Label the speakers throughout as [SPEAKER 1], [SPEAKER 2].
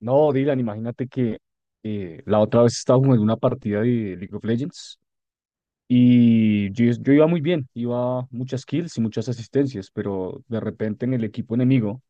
[SPEAKER 1] No, Dylan, imagínate que la otra vez estaba jugando una partida de League of Legends y yo iba muy bien, iba muchas kills y muchas asistencias, pero de repente en el equipo enemigo,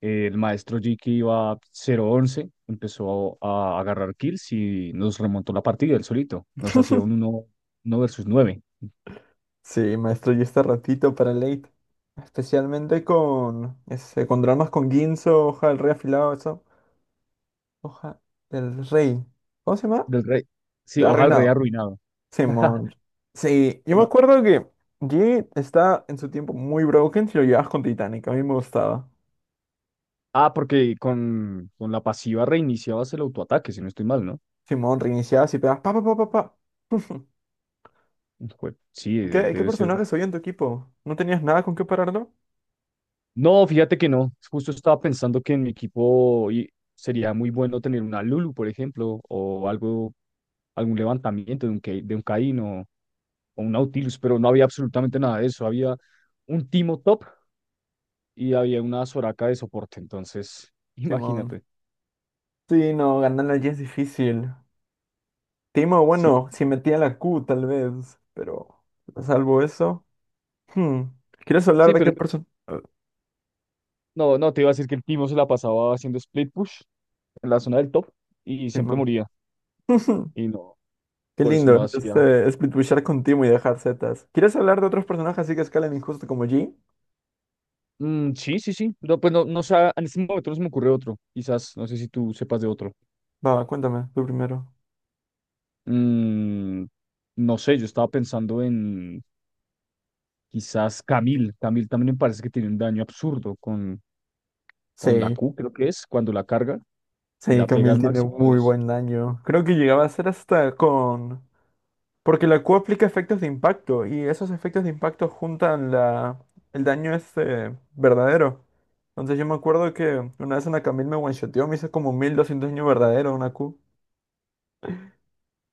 [SPEAKER 1] el maestro G que iba 0-11, empezó a agarrar kills y nos remontó la partida él solito, nos hacía un uno 1 versus 9
[SPEAKER 2] Sí, maestro, y este ratito para late. Especialmente con dramas con Ginzo, hoja del rey afilado, eso. Hoja del rey. ¿Cómo se llama?
[SPEAKER 1] del rey. Sí, hoja del rey
[SPEAKER 2] Arruinado.
[SPEAKER 1] arruinado.
[SPEAKER 2] Simón. Sí, yo me
[SPEAKER 1] No.
[SPEAKER 2] acuerdo que G está en su tiempo muy broken si lo llevabas con Titanic. A mí me gustaba.
[SPEAKER 1] Ah, porque con la pasiva reiniciabas el autoataque, si no estoy mal, ¿no?
[SPEAKER 2] Simón, reiniciabas y pegabas pa pa pa pa pa.
[SPEAKER 1] Sí,
[SPEAKER 2] ¿Y ¿Qué, qué
[SPEAKER 1] debe ser.
[SPEAKER 2] personajes había en tu equipo? ¿No tenías nada con qué pararlo?
[SPEAKER 1] No, fíjate que no. Justo estaba pensando que en mi equipo sería muy bueno tener una Lulu, por ejemplo, o algo, algún levantamiento de de un Caín o un Nautilus, pero no había absolutamente nada de eso. Había un Timo top y había una Soraka de soporte. Entonces,
[SPEAKER 2] Simón.
[SPEAKER 1] imagínate.
[SPEAKER 2] Sí, no, ganar a G es difícil. Timo,
[SPEAKER 1] Sí,
[SPEAKER 2] bueno, si metía la Q tal vez, pero salvo eso. hmm, ¿Quieres hablar
[SPEAKER 1] sí,
[SPEAKER 2] de qué
[SPEAKER 1] pero
[SPEAKER 2] persona?
[SPEAKER 1] no, no, te iba a decir que el Timo se la pasaba haciendo split push en la zona del top y siempre
[SPEAKER 2] Timón.
[SPEAKER 1] moría. Y no,
[SPEAKER 2] Qué
[SPEAKER 1] por eso
[SPEAKER 2] lindo,
[SPEAKER 1] no hacía.
[SPEAKER 2] este, split pushar con Timo y dejar Zetas. ¿Quieres hablar de otros personajes así que escalan injusto como G?
[SPEAKER 1] Mm, sí, sí, sí. No, pues no sé, en este momento no se me ocurre otro. Quizás, no sé si tú sepas de otro.
[SPEAKER 2] Va, cuéntame, tú primero.
[SPEAKER 1] Mm, no sé, yo estaba pensando en quizás Camil. Camil también me parece que tiene un daño absurdo con, la
[SPEAKER 2] Sí,
[SPEAKER 1] Q, creo que es, cuando la carga y
[SPEAKER 2] sí,
[SPEAKER 1] la pega
[SPEAKER 2] Camille
[SPEAKER 1] al
[SPEAKER 2] tiene
[SPEAKER 1] máximo.
[SPEAKER 2] muy buen daño. Creo que llegaba a ser hasta con. Porque la Q aplica efectos de impacto y esos efectos de impacto juntan el daño este verdadero. Entonces yo me acuerdo que una vez una Camille me one-shoteó, me hizo como 1.200 daño verdadero una Q.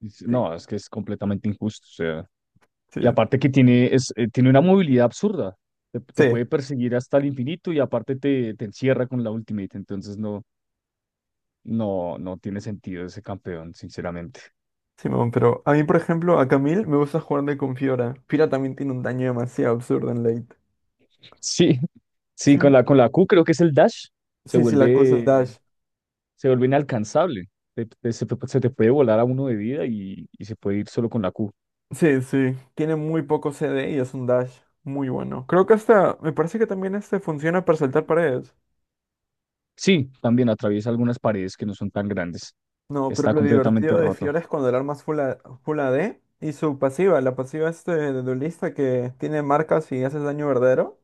[SPEAKER 2] Sí,
[SPEAKER 1] No, es que es completamente injusto. O sea,
[SPEAKER 2] sí,
[SPEAKER 1] y aparte que tiene una movilidad absurda. Te,
[SPEAKER 2] sí,
[SPEAKER 1] puede perseguir hasta el infinito y aparte te encierra con la ultimate. Entonces no, no, no tiene sentido ese campeón, sinceramente.
[SPEAKER 2] Simón, pero a mí, por ejemplo, a Camille me gusta jugar de con Fiora. Fiora también tiene un daño demasiado absurdo en late.
[SPEAKER 1] Sí, sí,
[SPEAKER 2] Sí,
[SPEAKER 1] con la Q creo que es el dash, se
[SPEAKER 2] sí, sí, la Q es
[SPEAKER 1] vuelve,
[SPEAKER 2] dash.
[SPEAKER 1] se vuelve inalcanzable. Te puede volar a uno de vida y se puede ir solo con la Q.
[SPEAKER 2] Sí, sí, tiene muy poco CD y es un dash muy bueno. Creo que hasta, me parece que también este funciona para saltar paredes.
[SPEAKER 1] Sí, también atraviesa algunas paredes que no son tan grandes.
[SPEAKER 2] No, pero
[SPEAKER 1] Está
[SPEAKER 2] lo
[SPEAKER 1] completamente
[SPEAKER 2] divertido de
[SPEAKER 1] roto.
[SPEAKER 2] Fiora es cuando el arma es full AD y su pasiva, la pasiva este de duelista que tiene marcas y haces daño verdadero,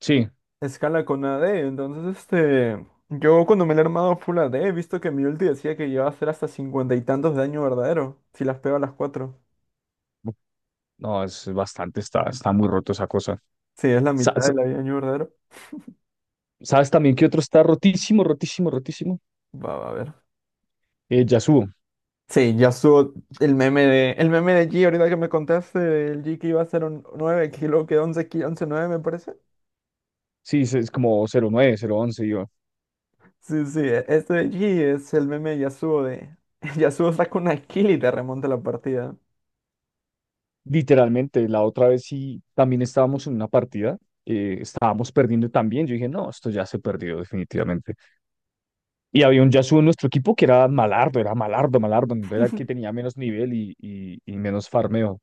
[SPEAKER 1] Sí,
[SPEAKER 2] escala con AD. Entonces, este, yo cuando me la he armado full AD he visto que mi ulti decía que iba a hacer hasta cincuenta y tantos de daño verdadero si las pego a las cuatro.
[SPEAKER 1] no, es bastante, está muy roto esa cosa.
[SPEAKER 2] Sí, es la
[SPEAKER 1] Sa-
[SPEAKER 2] mitad de
[SPEAKER 1] sa-
[SPEAKER 2] la vida de daño verdadero.
[SPEAKER 1] ¿Sabes también qué otro está rotísimo, rotísimo, rotísimo?
[SPEAKER 2] Va, va a ver.
[SPEAKER 1] Yasuo.
[SPEAKER 2] Sí, ya subo el meme de G ahorita que me contaste, el G que iba a ser un 9 kilo, que 11 kilo, 11 nueve me parece.
[SPEAKER 1] Sí, es como 09, 011, yo.
[SPEAKER 2] Sí, sí, este de allí es el meme de Yasuo de. Yasuo saca una kill y te remonta la partida.
[SPEAKER 1] Literalmente, la otra vez sí, también estábamos en una partida, estábamos perdiendo también. Yo dije, no, esto ya se perdió definitivamente. Y había un Yasuo en nuestro equipo que era malardo, malardo, no era el que tenía menos nivel y menos farmeo.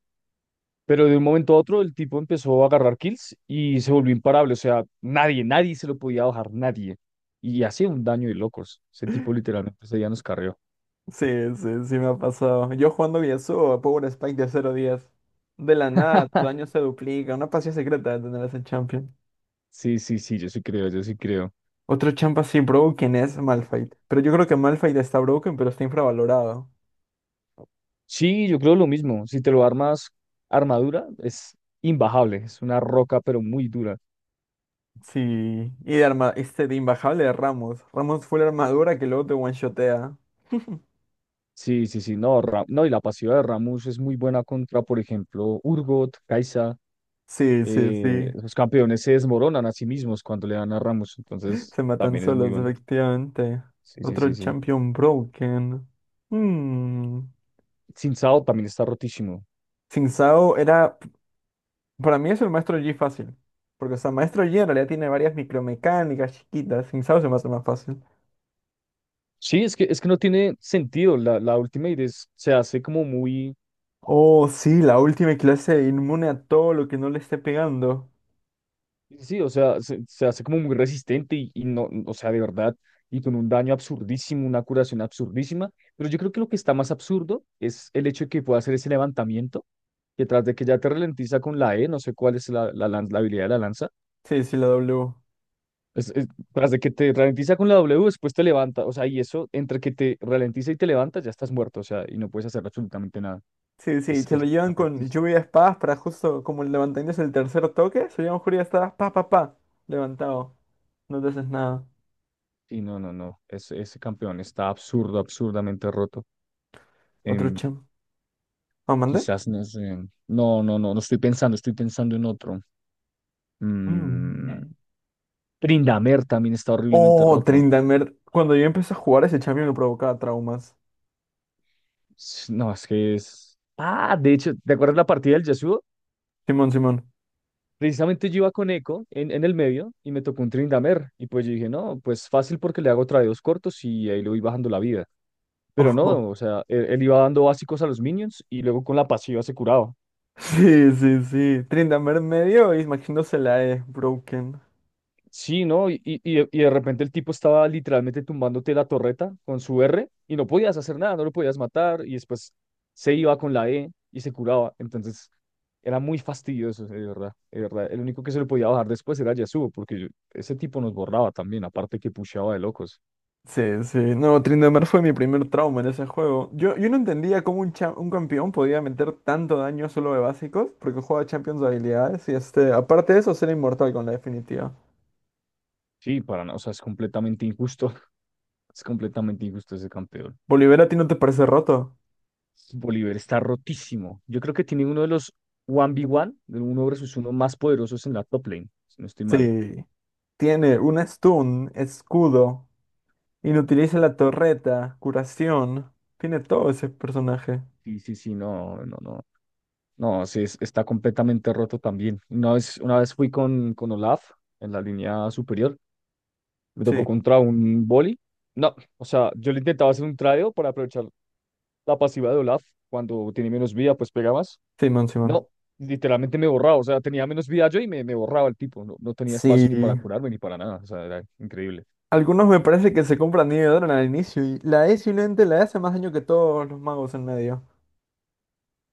[SPEAKER 1] Pero de un momento a otro el tipo empezó a agarrar kills y se volvió imparable. O sea, nadie, nadie se lo podía bajar, nadie. Y hacía un daño de locos. Ese tipo literalmente ese día nos carrió.
[SPEAKER 2] Sí, sí, sí me ha pasado. Yo jugando Yasuo a Power Spike de cero días. De la nada, tu daño se duplica. Una pasión secreta de tener ese champion.
[SPEAKER 1] Sí, sí, sí, yo sí creo, yo sí creo.
[SPEAKER 2] Otro champ así broken es Malphite. Pero yo creo que Malphite está broken, pero está infravalorado.
[SPEAKER 1] Sí, yo creo lo mismo. Si te lo armas armadura, es imbajable. Es una roca, pero muy dura.
[SPEAKER 2] Sí. Y de arma, este de imbajable de Ramos. Ramos fue la armadura que luego te one-shotea.
[SPEAKER 1] Sí, sí, sí. No, no, y la pasiva de Ramus es muy buena contra, por ejemplo, Urgot, Kai'Sa.
[SPEAKER 2] Sí, sí, sí.
[SPEAKER 1] Los campeones se desmoronan a sí mismos cuando le dan a Ramus. Entonces,
[SPEAKER 2] Se matan
[SPEAKER 1] también es muy
[SPEAKER 2] solos,
[SPEAKER 1] bueno.
[SPEAKER 2] efectivamente.
[SPEAKER 1] Sí, sí,
[SPEAKER 2] Otro
[SPEAKER 1] sí, sí.
[SPEAKER 2] champion broken. Hmm.
[SPEAKER 1] Sin Sao también está rotísimo.
[SPEAKER 2] Sin Sao era. Para mí es el maestro Yi fácil. Porque, o sea, maestro Yi en realidad tiene varias micromecánicas chiquitas. Sin Sao se mata más fácil.
[SPEAKER 1] Sí, es que, no tiene sentido. La Ultimate se hace como muy.
[SPEAKER 2] Oh, sí, la última clase inmune a todo lo que no le esté pegando.
[SPEAKER 1] Sí, sí, o sea, se, hace como muy resistente y no, o sea, de verdad, y con un daño absurdísimo, una curación absurdísima. Pero yo creo que lo que está más absurdo es el hecho de que pueda hacer ese levantamiento, que tras de que ya te ralentiza con la E, no sé cuál es la habilidad de la lanza,
[SPEAKER 2] Sí, sí, la W.
[SPEAKER 1] es- es- tras de que te ralentiza con la W, después te levanta, o sea, y eso, entre que te ralentiza y te levanta, ya estás muerto, o sea, y no puedes hacer absolutamente nada.
[SPEAKER 2] Sí, sí,
[SPEAKER 1] Es,
[SPEAKER 2] se lo
[SPEAKER 1] es
[SPEAKER 2] llevan con
[SPEAKER 1] rotísimo.
[SPEAKER 2] lluvia de espadas para justo como el levantamiento es el tercer toque. Se llevan lluvia de espadas, pa, pa, pa. Levantado. No te haces nada.
[SPEAKER 1] Sí, no, no, no, ese campeón está absurdo, absurdamente roto.
[SPEAKER 2] Otro champ. ¿Ah, mandé?
[SPEAKER 1] Quizás no sé. No, no, no, no estoy pensando, estoy pensando en otro.
[SPEAKER 2] Mm.
[SPEAKER 1] Mm, Trindamer también está horriblemente
[SPEAKER 2] Oh,
[SPEAKER 1] roto.
[SPEAKER 2] Tryndamere. Cuando yo empecé a jugar ese champion me provocaba traumas.
[SPEAKER 1] No, es que es. Ah, de hecho, ¿te acuerdas la partida del Yasuo?
[SPEAKER 2] Simón, Simón.
[SPEAKER 1] Precisamente yo iba con Echo en, el medio y me tocó un Trindamer. Y pues yo dije, no, pues fácil porque le hago tradeos cortos y ahí le voy bajando la vida. Pero
[SPEAKER 2] Ojo.
[SPEAKER 1] no, o sea, él iba dando básicos a los minions y luego con la pasiva se curaba.
[SPEAKER 2] Sí, sí, sí. Tryndamere medio y imaginándose la E, broken.
[SPEAKER 1] Sí, ¿no? Y de repente el tipo estaba literalmente tumbándote la torreta con su R y no podías hacer nada, no lo podías matar y después se iba con la E y se curaba. Entonces era muy fastidioso, de verdad, de verdad. El único que se lo podía bajar después era Yasuo, porque ese tipo nos borraba también, aparte que pusheaba de locos.
[SPEAKER 2] Sí, sí. No, Tryndamere fue mi primer trauma en ese juego. Yo no entendía cómo un campeón podía meter tanto daño solo de básicos, porque juega champions de habilidades y este, aparte de eso, ser inmortal con la definitiva.
[SPEAKER 1] Sí, para nada, o sea, es completamente injusto, es completamente injusto ese campeón.
[SPEAKER 2] Bolívar, ¿a ti no te parece roto?
[SPEAKER 1] Bolívar está rotísimo. Yo creo que tiene uno de los 1v1, de uno versus uno más poderosos en la top lane, si no estoy mal.
[SPEAKER 2] Sí. Tiene un stun, escudo. Inutiliza la torreta, curación. Tiene todo ese personaje.
[SPEAKER 1] Sí, sí, sí, no, no, no. No, sí, está completamente roto también. Una vez fui con, Olaf en la línea superior, me tocó
[SPEAKER 2] Sí,
[SPEAKER 1] contra un boli. No, o sea, yo le intentaba hacer un tradeo para aprovechar la pasiva de Olaf. Cuando tiene menos vida, pues pega más.
[SPEAKER 2] Simón, Simón.
[SPEAKER 1] No, literalmente me borraba, o sea, tenía menos vida yo y me borraba el tipo. No, no tenía espacio
[SPEAKER 2] Sí.
[SPEAKER 1] ni para curarme ni para nada, o sea, era increíble.
[SPEAKER 2] Algunos me parece que se compran Nidoran al inicio y la E simplemente la E hace más daño que todos los magos en medio.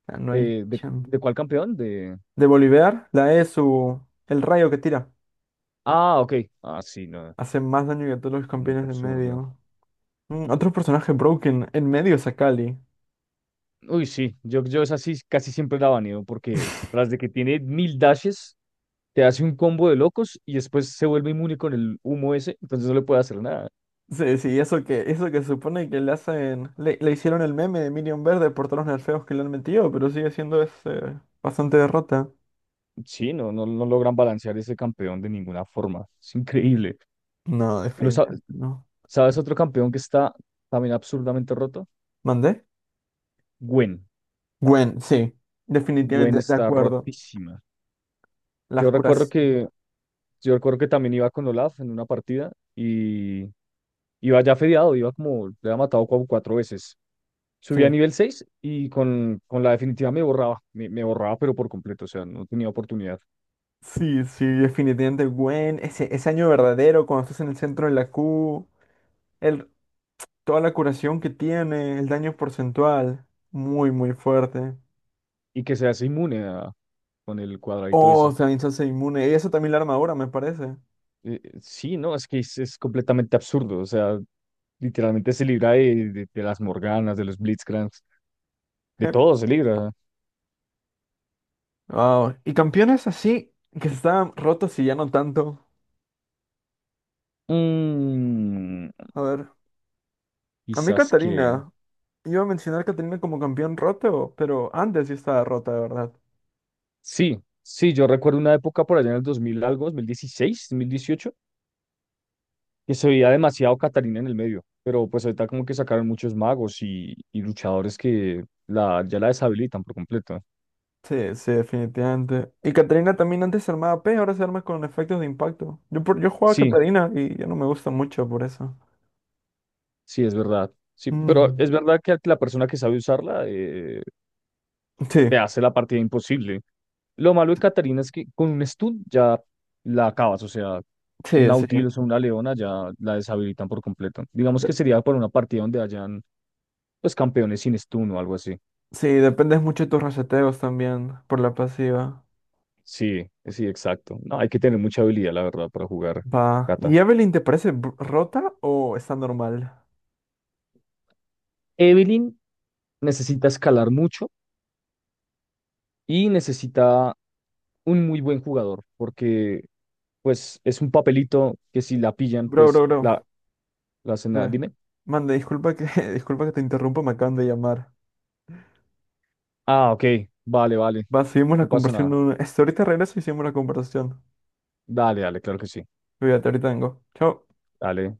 [SPEAKER 2] O sea, no hay
[SPEAKER 1] Eh, ¿de,
[SPEAKER 2] chance.
[SPEAKER 1] de cuál campeón? De...
[SPEAKER 2] De Bolivar, la E es su, el rayo que tira.
[SPEAKER 1] Ah, ok. Ah, sí, no,
[SPEAKER 2] Hace más daño que todos los
[SPEAKER 1] totalmente
[SPEAKER 2] campeones de
[SPEAKER 1] absurdo.
[SPEAKER 2] medio. Otro personaje broken en medio es Akali.
[SPEAKER 1] Uy, sí, yo esa sí casi siempre la baneo porque tras de que tiene mil dashes, te hace un combo de locos y después se vuelve inmune con el humo ese, entonces no le puede hacer nada.
[SPEAKER 2] Sí, sí, eso que se supone que le hacen, le hicieron el meme de Minion Verde por todos los nerfeos que le han metido, pero sigue siendo ese, bastante derrota.
[SPEAKER 1] Sí, no, no, no logran balancear ese campeón de ninguna forma. Es increíble.
[SPEAKER 2] No,
[SPEAKER 1] Pero
[SPEAKER 2] definitivamente no.
[SPEAKER 1] ¿sabes otro campeón que está también absurdamente roto?
[SPEAKER 2] ¿Mandé?
[SPEAKER 1] Gwen.
[SPEAKER 2] Gwen, sí,
[SPEAKER 1] Gwen
[SPEAKER 2] definitivamente, de
[SPEAKER 1] está
[SPEAKER 2] acuerdo.
[SPEAKER 1] rotísima.
[SPEAKER 2] Las
[SPEAKER 1] Yo recuerdo
[SPEAKER 2] curas,
[SPEAKER 1] que Yo recuerdo que también iba con Olaf en una partida y iba ya fedeado, iba como, le había matado como 4 veces. Subí a
[SPEAKER 2] sí.
[SPEAKER 1] nivel 6 y con, la definitiva me borraba, me borraba pero por completo, o sea, no tenía oportunidad.
[SPEAKER 2] Sí, sí, definitivamente Gwen, ese año verdadero cuando estás en el centro de la Q, el, toda la curación que tiene, el daño porcentual, muy, muy fuerte.
[SPEAKER 1] Y que se hace inmune con el cuadradito ese.
[SPEAKER 2] Oh, también se hace inmune, y eso también la armadura, me parece.
[SPEAKER 1] Sí, no, es que es completamente absurdo, o sea, literalmente se libra de, de las Morganas, de los Blitzcranks, de todo se libra.
[SPEAKER 2] Wow. Y campeones así que estaban rotos y ya no tanto.
[SPEAKER 1] Mm,
[SPEAKER 2] A ver, a mí
[SPEAKER 1] quizás que...
[SPEAKER 2] Catarina. Iba a mencionar a Catarina como campeón roto, pero antes sí estaba rota, de verdad.
[SPEAKER 1] Sí, sí, yo recuerdo una época por allá en el 2000 algo, dos mil dieciséis, 2018, que se veía demasiado Catarina en el medio, pero pues ahorita como que sacaron muchos magos y luchadores que ya la deshabilitan por completo.
[SPEAKER 2] Sí, sí, definitivamente. Y Catarina también antes se armaba P, ahora se arma con efectos de impacto. Yo jugaba a
[SPEAKER 1] Sí,
[SPEAKER 2] Catarina y ya no me gusta mucho por eso.
[SPEAKER 1] sí, es verdad. Sí, pero
[SPEAKER 2] Mm.
[SPEAKER 1] es verdad que la persona que sabe usarla
[SPEAKER 2] Sí,
[SPEAKER 1] te hace la partida imposible. Lo malo de Catarina es que con un stun ya la acabas, o sea, un
[SPEAKER 2] sí, sí.
[SPEAKER 1] Nautilus o una Leona ya la deshabilitan por completo. Digamos que
[SPEAKER 2] De-
[SPEAKER 1] sería para una partida donde hayan pues campeones sin stun o algo así.
[SPEAKER 2] sí, dependes mucho de tus reseteos también por la pasiva.
[SPEAKER 1] Sí, sí, exacto. No, hay que tener mucha habilidad, la verdad, para jugar
[SPEAKER 2] Va.
[SPEAKER 1] Cata.
[SPEAKER 2] ¿Y Evelyn te parece rota o está normal?
[SPEAKER 1] Evelynn necesita escalar mucho y necesita un muy buen jugador, porque pues es un papelito que si la pillan,
[SPEAKER 2] Bro,
[SPEAKER 1] pues
[SPEAKER 2] bro, bro.
[SPEAKER 1] la, hacen
[SPEAKER 2] Sí.
[SPEAKER 1] nada. Dime.
[SPEAKER 2] Manda, disculpa que, disculpa que te interrumpa, me acaban de llamar.
[SPEAKER 1] Ah, ok. Vale, vale.
[SPEAKER 2] Va, seguimos la
[SPEAKER 1] No pasa
[SPEAKER 2] conversación.
[SPEAKER 1] nada.
[SPEAKER 2] Ahorita regreso y seguimos la conversación.
[SPEAKER 1] Dale, dale, claro que sí.
[SPEAKER 2] Cuídate, ahorita vengo. Chao.
[SPEAKER 1] Dale.